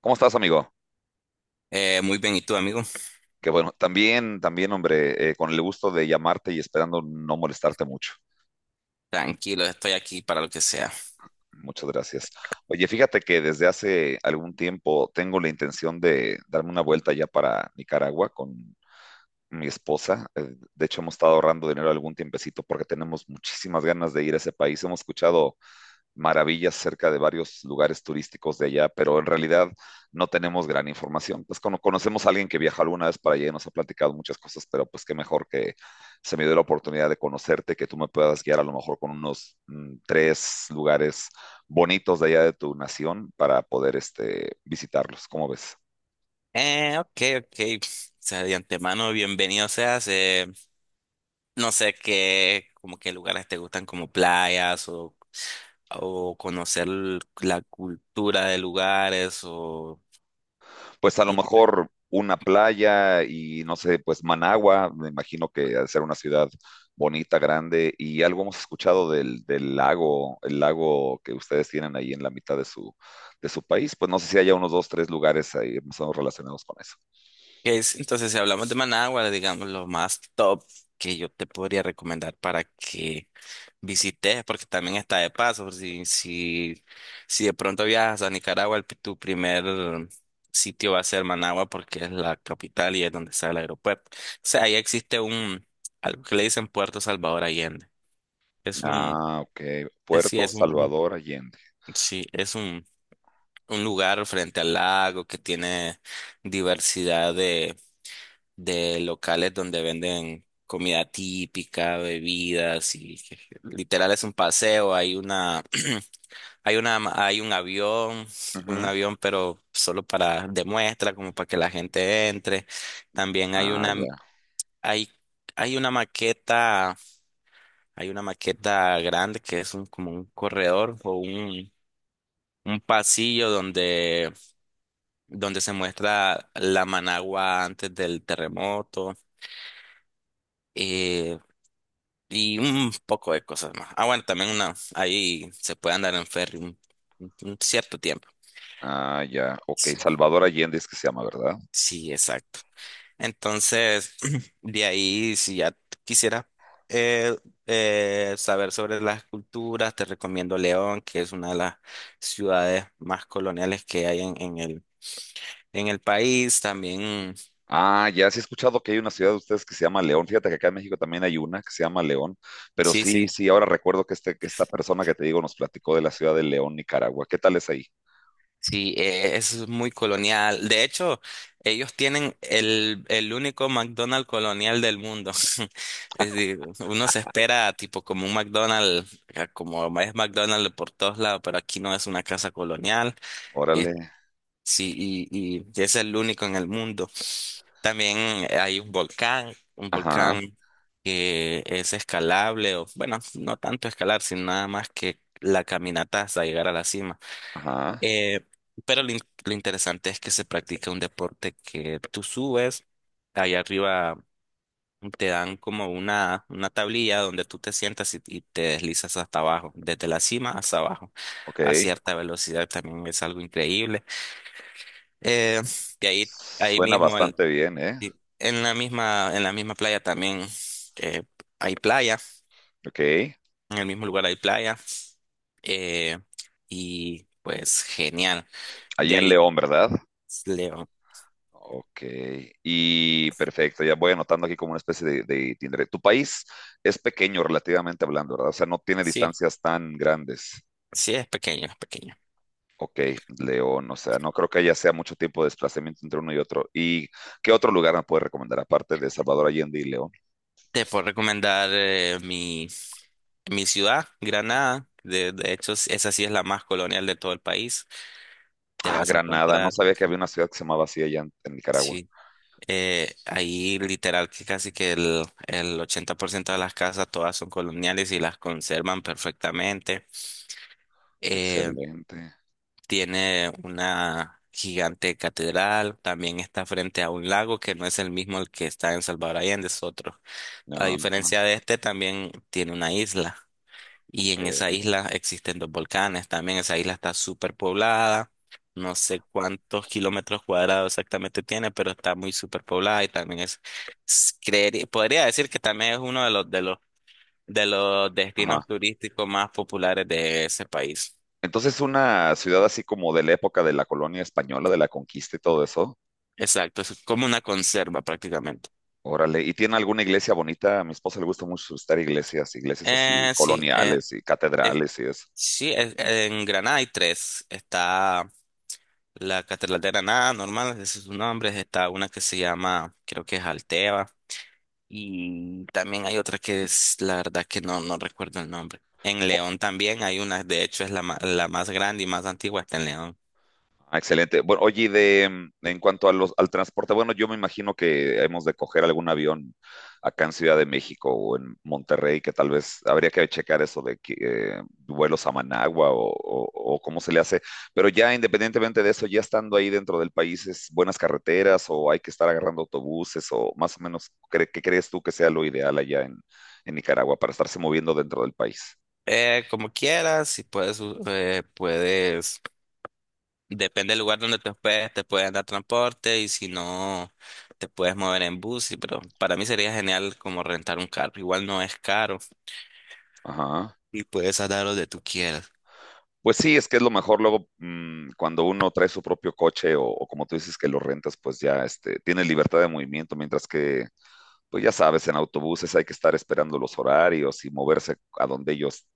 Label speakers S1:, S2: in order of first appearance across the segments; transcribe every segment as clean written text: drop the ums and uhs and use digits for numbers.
S1: ¿Cómo estás, amigo?
S2: Muy bien, ¿y tú, amigo?
S1: Que bueno, hombre, con el gusto de llamarte y esperando no molestarte mucho.
S2: Tranquilo, estoy aquí para lo que sea.
S1: Muchas gracias. Oye, fíjate que desde hace algún tiempo tengo la intención de darme una vuelta ya para Nicaragua con mi esposa. De hecho, hemos estado ahorrando dinero algún tiempecito porque tenemos muchísimas ganas de ir a ese país. Hemos escuchado maravillas cerca de varios lugares turísticos de allá, pero en realidad no tenemos gran información. Pues cuando conocemos a alguien que viajó alguna vez para allá y nos ha platicado muchas cosas, pero pues qué mejor que se me dio la oportunidad de conocerte, que tú me puedas guiar a lo mejor con unos tres lugares bonitos de allá de tu nación para poder este, visitarlos. ¿Cómo ves?
S2: Ok, ok. O sea, de antemano, bienvenido seas. No sé qué, como qué lugares te gustan, como playas o conocer la cultura de lugares o...
S1: Pues a lo
S2: No sé.
S1: mejor una playa y no sé, pues Managua, me imagino que ha de ser una ciudad bonita, grande, y algo hemos escuchado del lago, el lago que ustedes tienen ahí en la mitad de de su país, pues no sé si haya unos dos, tres lugares ahí más o menos relacionados con eso.
S2: ¿Qué es? Entonces, si hablamos de Managua, digamos, lo más top que yo te podría recomendar para que visites, porque también está de paso. Por Si, si, si de pronto viajas a Nicaragua, tu primer sitio va a ser Managua, porque es la capital y es donde está el aeropuerto. O sea, ahí existe algo que le dicen Puerto Salvador Allende. Es un,
S1: Ah, ok.
S2: es,
S1: Puerto Salvador Allende.
S2: sí, es un lugar frente al lago que tiene diversidad de locales donde venden comida típica, bebidas y literal es un paseo. Hay una Hay una, hay un avión,
S1: Ujú.
S2: pero solo para demuestra, como para que la gente entre. También
S1: Ah, ya.
S2: hay, hay una maqueta, hay una maqueta grande que es como un corredor o un pasillo donde se muestra la Managua antes del terremoto. eh, y un poco de cosas más. Ah, bueno, ahí se puede andar en ferry un cierto tiempo.
S1: Ah, ya. Ok,
S2: Sí,
S1: Salvador Allende es que se llama, ¿verdad?
S2: sí, exacto. Entonces, de ahí, si ya quisieras eh, saber sobre las culturas, te recomiendo León, que es una de las ciudades más coloniales que hay en el país. También,
S1: Ah, ya sí he escuchado que hay una ciudad de ustedes que se llama León. Fíjate que acá en México también hay una que se llama León, pero
S2: sí,
S1: sí,
S2: sí,
S1: sí, ahora recuerdo que, este, que esta persona que te digo nos platicó de la ciudad de León, Nicaragua. ¿Qué tal es ahí?
S2: sí, es muy colonial. De hecho, ellos tienen el único McDonald's colonial del mundo. Es decir, uno se espera tipo como un McDonald's, como es McDonald's por todos lados, pero aquí no es una casa colonial.
S1: Órale.
S2: Sí, y es el único en el mundo. También hay un
S1: Ajá,
S2: volcán que es escalable, o bueno, no tanto escalar, sino nada más que la caminata hasta llegar a la cima.
S1: ajá,
S2: Eh, pero lo interesante es que se practica un deporte que tú subes, allá arriba te dan como una tablilla donde tú te sientas y te deslizas hasta abajo, desde la cima hasta abajo,
S1: ok.
S2: a cierta velocidad también es algo increíble. Eh, y ahí
S1: Suena
S2: mismo,
S1: bastante bien, ¿eh?
S2: en la misma playa también eh, hay playa,
S1: Ok.
S2: en el mismo lugar hay playa. eh, y pues genial.
S1: Ahí
S2: De
S1: en
S2: ahí
S1: León, ¿verdad?
S2: leo.
S1: Ok. Y perfecto, ya voy anotando aquí como una especie de itinerario. Tu país es pequeño relativamente hablando, ¿verdad? O sea, no tiene
S2: Sí,
S1: distancias tan grandes.
S2: sí, es pequeño, es pequeño.
S1: Ok, León, o sea, no creo que haya sea mucho tiempo de desplazamiento entre uno y otro. ¿Y qué otro lugar me puedes recomendar aparte de Salvador Allende y León?
S2: Te puedo recomendar mi ciudad, Granada. De hecho, esa sí es la más colonial de todo el país. Te
S1: Ah,
S2: vas a
S1: Granada, no
S2: encontrar,
S1: sabía que había una ciudad que se llamaba así allá en Nicaragua.
S2: sí. Ahí literal que casi que el 80% de las casas todas son coloniales y las conservan perfectamente. Eh,
S1: Excelente.
S2: Tiene una gigante catedral, también está frente a un lago que no es el mismo el que está en Salvador Allende, es otro. A
S1: No,
S2: diferencia
S1: ajá,
S2: de este, también tiene una isla. Y en esa
S1: ok.
S2: isla existen dos volcanes. También esa isla está súper poblada. No sé cuántos kilómetros cuadrados exactamente tiene, pero está muy súper poblada y también podría decir que también es uno de los
S1: Ajá.
S2: destinos turísticos más populares de ese país.
S1: Entonces, una ciudad así como de la época de la colonia española, de la conquista y todo eso.
S2: Exacto, es como una conserva prácticamente.
S1: Órale, ¿y tiene alguna iglesia bonita? A mi esposa le gusta mucho visitar iglesias, iglesias así
S2: Sí,
S1: coloniales y
S2: eh,
S1: catedrales y eso.
S2: sí, en Granada hay tres. Está la Catedral de Granada, normal, ese es su nombre. Está una que se llama, creo que es Alteva. Y también hay otra que es, la verdad que no recuerdo el nombre. En León también hay una, de hecho es la más grande y más antigua está en León.
S1: Ah, excelente. Bueno, oye, y de, en cuanto a los, al transporte, bueno, yo me imagino que hemos de coger algún avión acá en Ciudad de México o en Monterrey, que tal vez habría que checar eso de que, vuelos a Managua o cómo se le hace. Pero ya independientemente de eso, ya estando ahí dentro del país, ¿es buenas carreteras o hay que estar agarrando autobuses o más o menos, cre- ¿qué crees tú que sea lo ideal allá en Nicaragua para estarse moviendo dentro del país?
S2: Como quieras, si puedes, depende del lugar donde te hospedes, te pueden dar transporte y si no, te puedes mover en bus, pero para mí sería genial como rentar un carro. Igual no es caro
S1: Ajá.
S2: y puedes andar donde tú quieras.
S1: Pues sí, es que es lo mejor luego cuando uno trae su propio coche o como tú dices que lo rentas, pues ya este, tiene libertad de movimiento, mientras que, pues ya sabes, en autobuses hay que estar esperando los horarios y moverse a donde ellos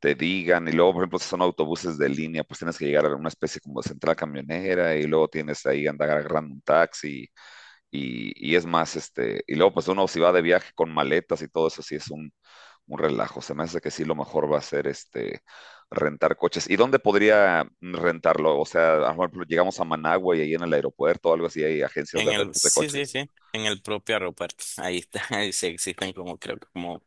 S1: te digan. Y luego, por ejemplo, si son autobuses de línea, pues tienes que llegar a una especie como de central camionera y luego tienes ahí andar agarrando un taxi y es más, este, y luego pues uno si va de viaje con maletas y todo eso, sí es un relajo. Se me hace que sí lo mejor va a ser este rentar coches. ¿Y dónde podría rentarlo? O sea, a lo mejor llegamos a Managua y ahí en el aeropuerto o algo así hay agencias de rentas de
S2: Sí, sí,
S1: coches.
S2: sí, en el propio aeropuerto. Ahí está, ahí sí existen como, creo que como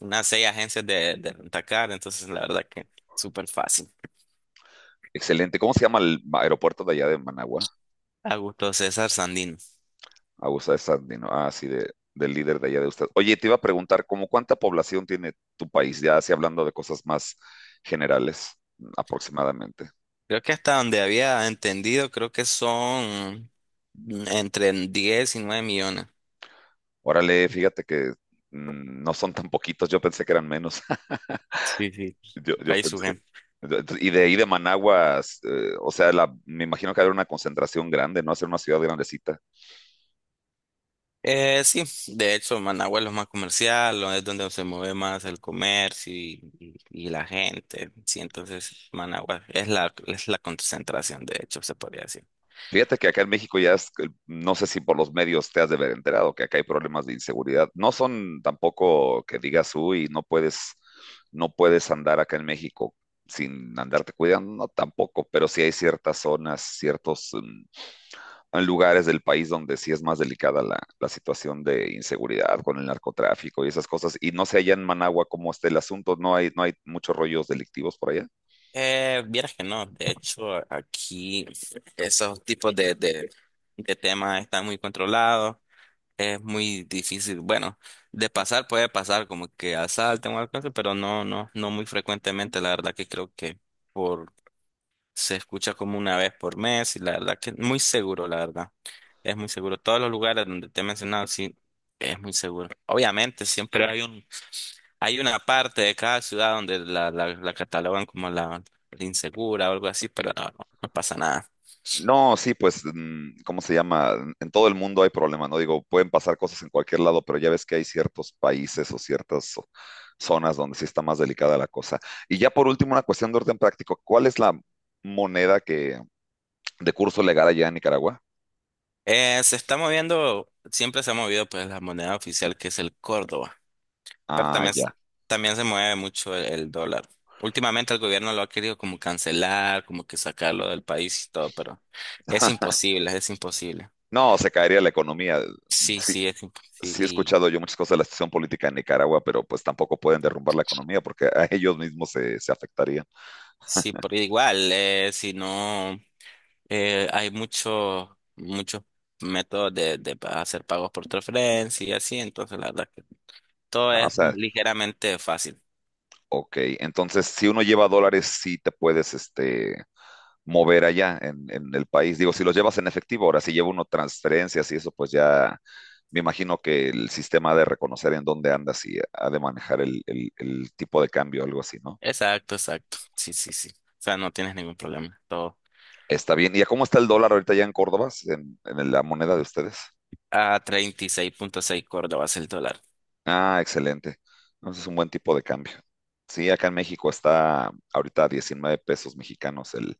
S2: unas seis agencias de rentacar, entonces la verdad que súper fácil.
S1: Excelente. ¿Cómo se llama el aeropuerto de allá de Managua?
S2: A gusto César Sandino.
S1: Augusta de Sandino. Ah, sí, de, del líder de allá de usted. Oye, te iba a preguntar, ¿cómo cuánta población tiene tu país? Ya así hablando de cosas más generales, aproximadamente.
S2: Creo que hasta donde había entendido, creo que son entre 10 y 9 millones.
S1: Órale, fíjate que no son tan poquitos, yo pensé que eran menos.
S2: Sí, sí.
S1: Yo
S2: Ahí
S1: pensé.
S2: surge.
S1: Y de ahí de Managua, o sea, la, me imagino que habrá una concentración grande, ¿no? Hacer una ciudad grandecita.
S2: Sí, de hecho, Managua es lo más comercial, es donde se mueve más el comercio y la gente. Sí, entonces Managua es la concentración, de hecho, se podría decir.
S1: Fíjate que acá en México ya es, no sé si por los medios te has de haber enterado que acá hay problemas de inseguridad. No son tampoco que digas, uy, no puedes, no puedes andar acá en México sin andarte cuidando, no, tampoco, pero sí hay ciertas zonas, ciertos en lugares del país donde sí es más delicada la situación de inseguridad con el narcotráfico y esas cosas. Y no sé allá en Managua cómo está el asunto, no hay, no hay muchos rollos delictivos por allá.
S2: Vieras que no, de hecho aquí esos tipos de temas están muy controlados, es muy difícil, bueno, de pasar puede pasar como que asalten o algo así, pero no, no, no muy frecuentemente, la verdad que creo que por, se escucha como una vez por mes y la verdad que muy seguro, la verdad, es muy seguro, todos los lugares donde te he mencionado, sí, es muy seguro, obviamente siempre hay una parte de cada ciudad donde la catalogan como la insegura o algo así, pero no, no, no pasa nada.
S1: No, sí, pues, ¿cómo se llama? En todo el mundo hay problemas, ¿no? Digo, pueden pasar cosas en cualquier lado, pero ya ves que hay ciertos países o ciertas zo- zonas donde sí está más delicada la cosa. Y ya por último, una cuestión de orden práctico. ¿Cuál es la moneda que de curso legal allá en Nicaragua?
S2: Se está moviendo, siempre se ha movido pues la moneda oficial que es el Córdoba, pero
S1: Ah,
S2: también,
S1: ya.
S2: también se mueve mucho el dólar. Últimamente el gobierno lo ha querido como cancelar, como que sacarlo del país y todo, pero es imposible, es imposible.
S1: No, se caería la economía.
S2: Sí, sí, es imposible. Sí,
S1: Sí he escuchado yo muchas cosas de la situación política en Nicaragua, pero pues tampoco pueden derrumbar la economía porque a ellos mismos se, se afectaría.
S2: sí, por igual, si no. Hay muchos muchos métodos de hacer pagos por transferencia y así, entonces la verdad que todo
S1: Ah, o
S2: es
S1: sea,
S2: ligeramente fácil.
S1: ok, entonces si uno lleva dólares, sí te puedes este, mover allá en el país. Digo, si los llevas en efectivo, ahora si lleva uno transferencias y eso, pues ya me imagino que el sistema ha de reconocer en dónde andas y ha de manejar el tipo de cambio, algo así, ¿no?
S2: Exacto, exacto. Sí, sí, sí. O sea, no tienes ningún problema. Todo
S1: Está bien. ¿Y a cómo está el dólar ahorita ya en Córdoba, en la moneda de ustedes?
S2: a 36.6 córdobas el dólar.
S1: Ah, excelente. Entonces es un buen tipo de cambio. Sí, acá en México está ahorita a 19 pesos mexicanos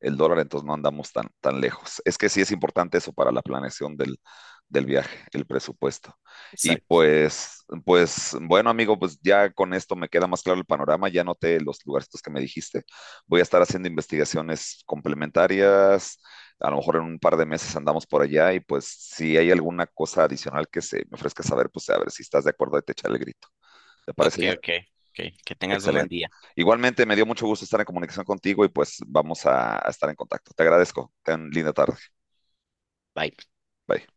S1: el dólar, entonces no andamos tan, tan lejos. Es que sí es importante eso para la planeación del, del viaje, el presupuesto. Y
S2: Exacto.
S1: pues, pues, bueno, amigo, pues ya con esto me queda más claro el panorama, ya noté los lugarcitos que me dijiste. Voy a estar haciendo investigaciones complementarias, a lo mejor en un par de meses andamos por allá y pues si hay alguna cosa adicional que se me ofrezca saber, pues a ver si estás de acuerdo y te echar el grito. ¿Te
S2: Ok,
S1: parece bien?
S2: ok, ok. Que tengas un buen
S1: Excelente.
S2: día.
S1: Igualmente, me dio mucho gusto estar en comunicación contigo y pues vamos a estar en contacto. Te agradezco. Ten linda tarde.
S2: Bye.
S1: Bye.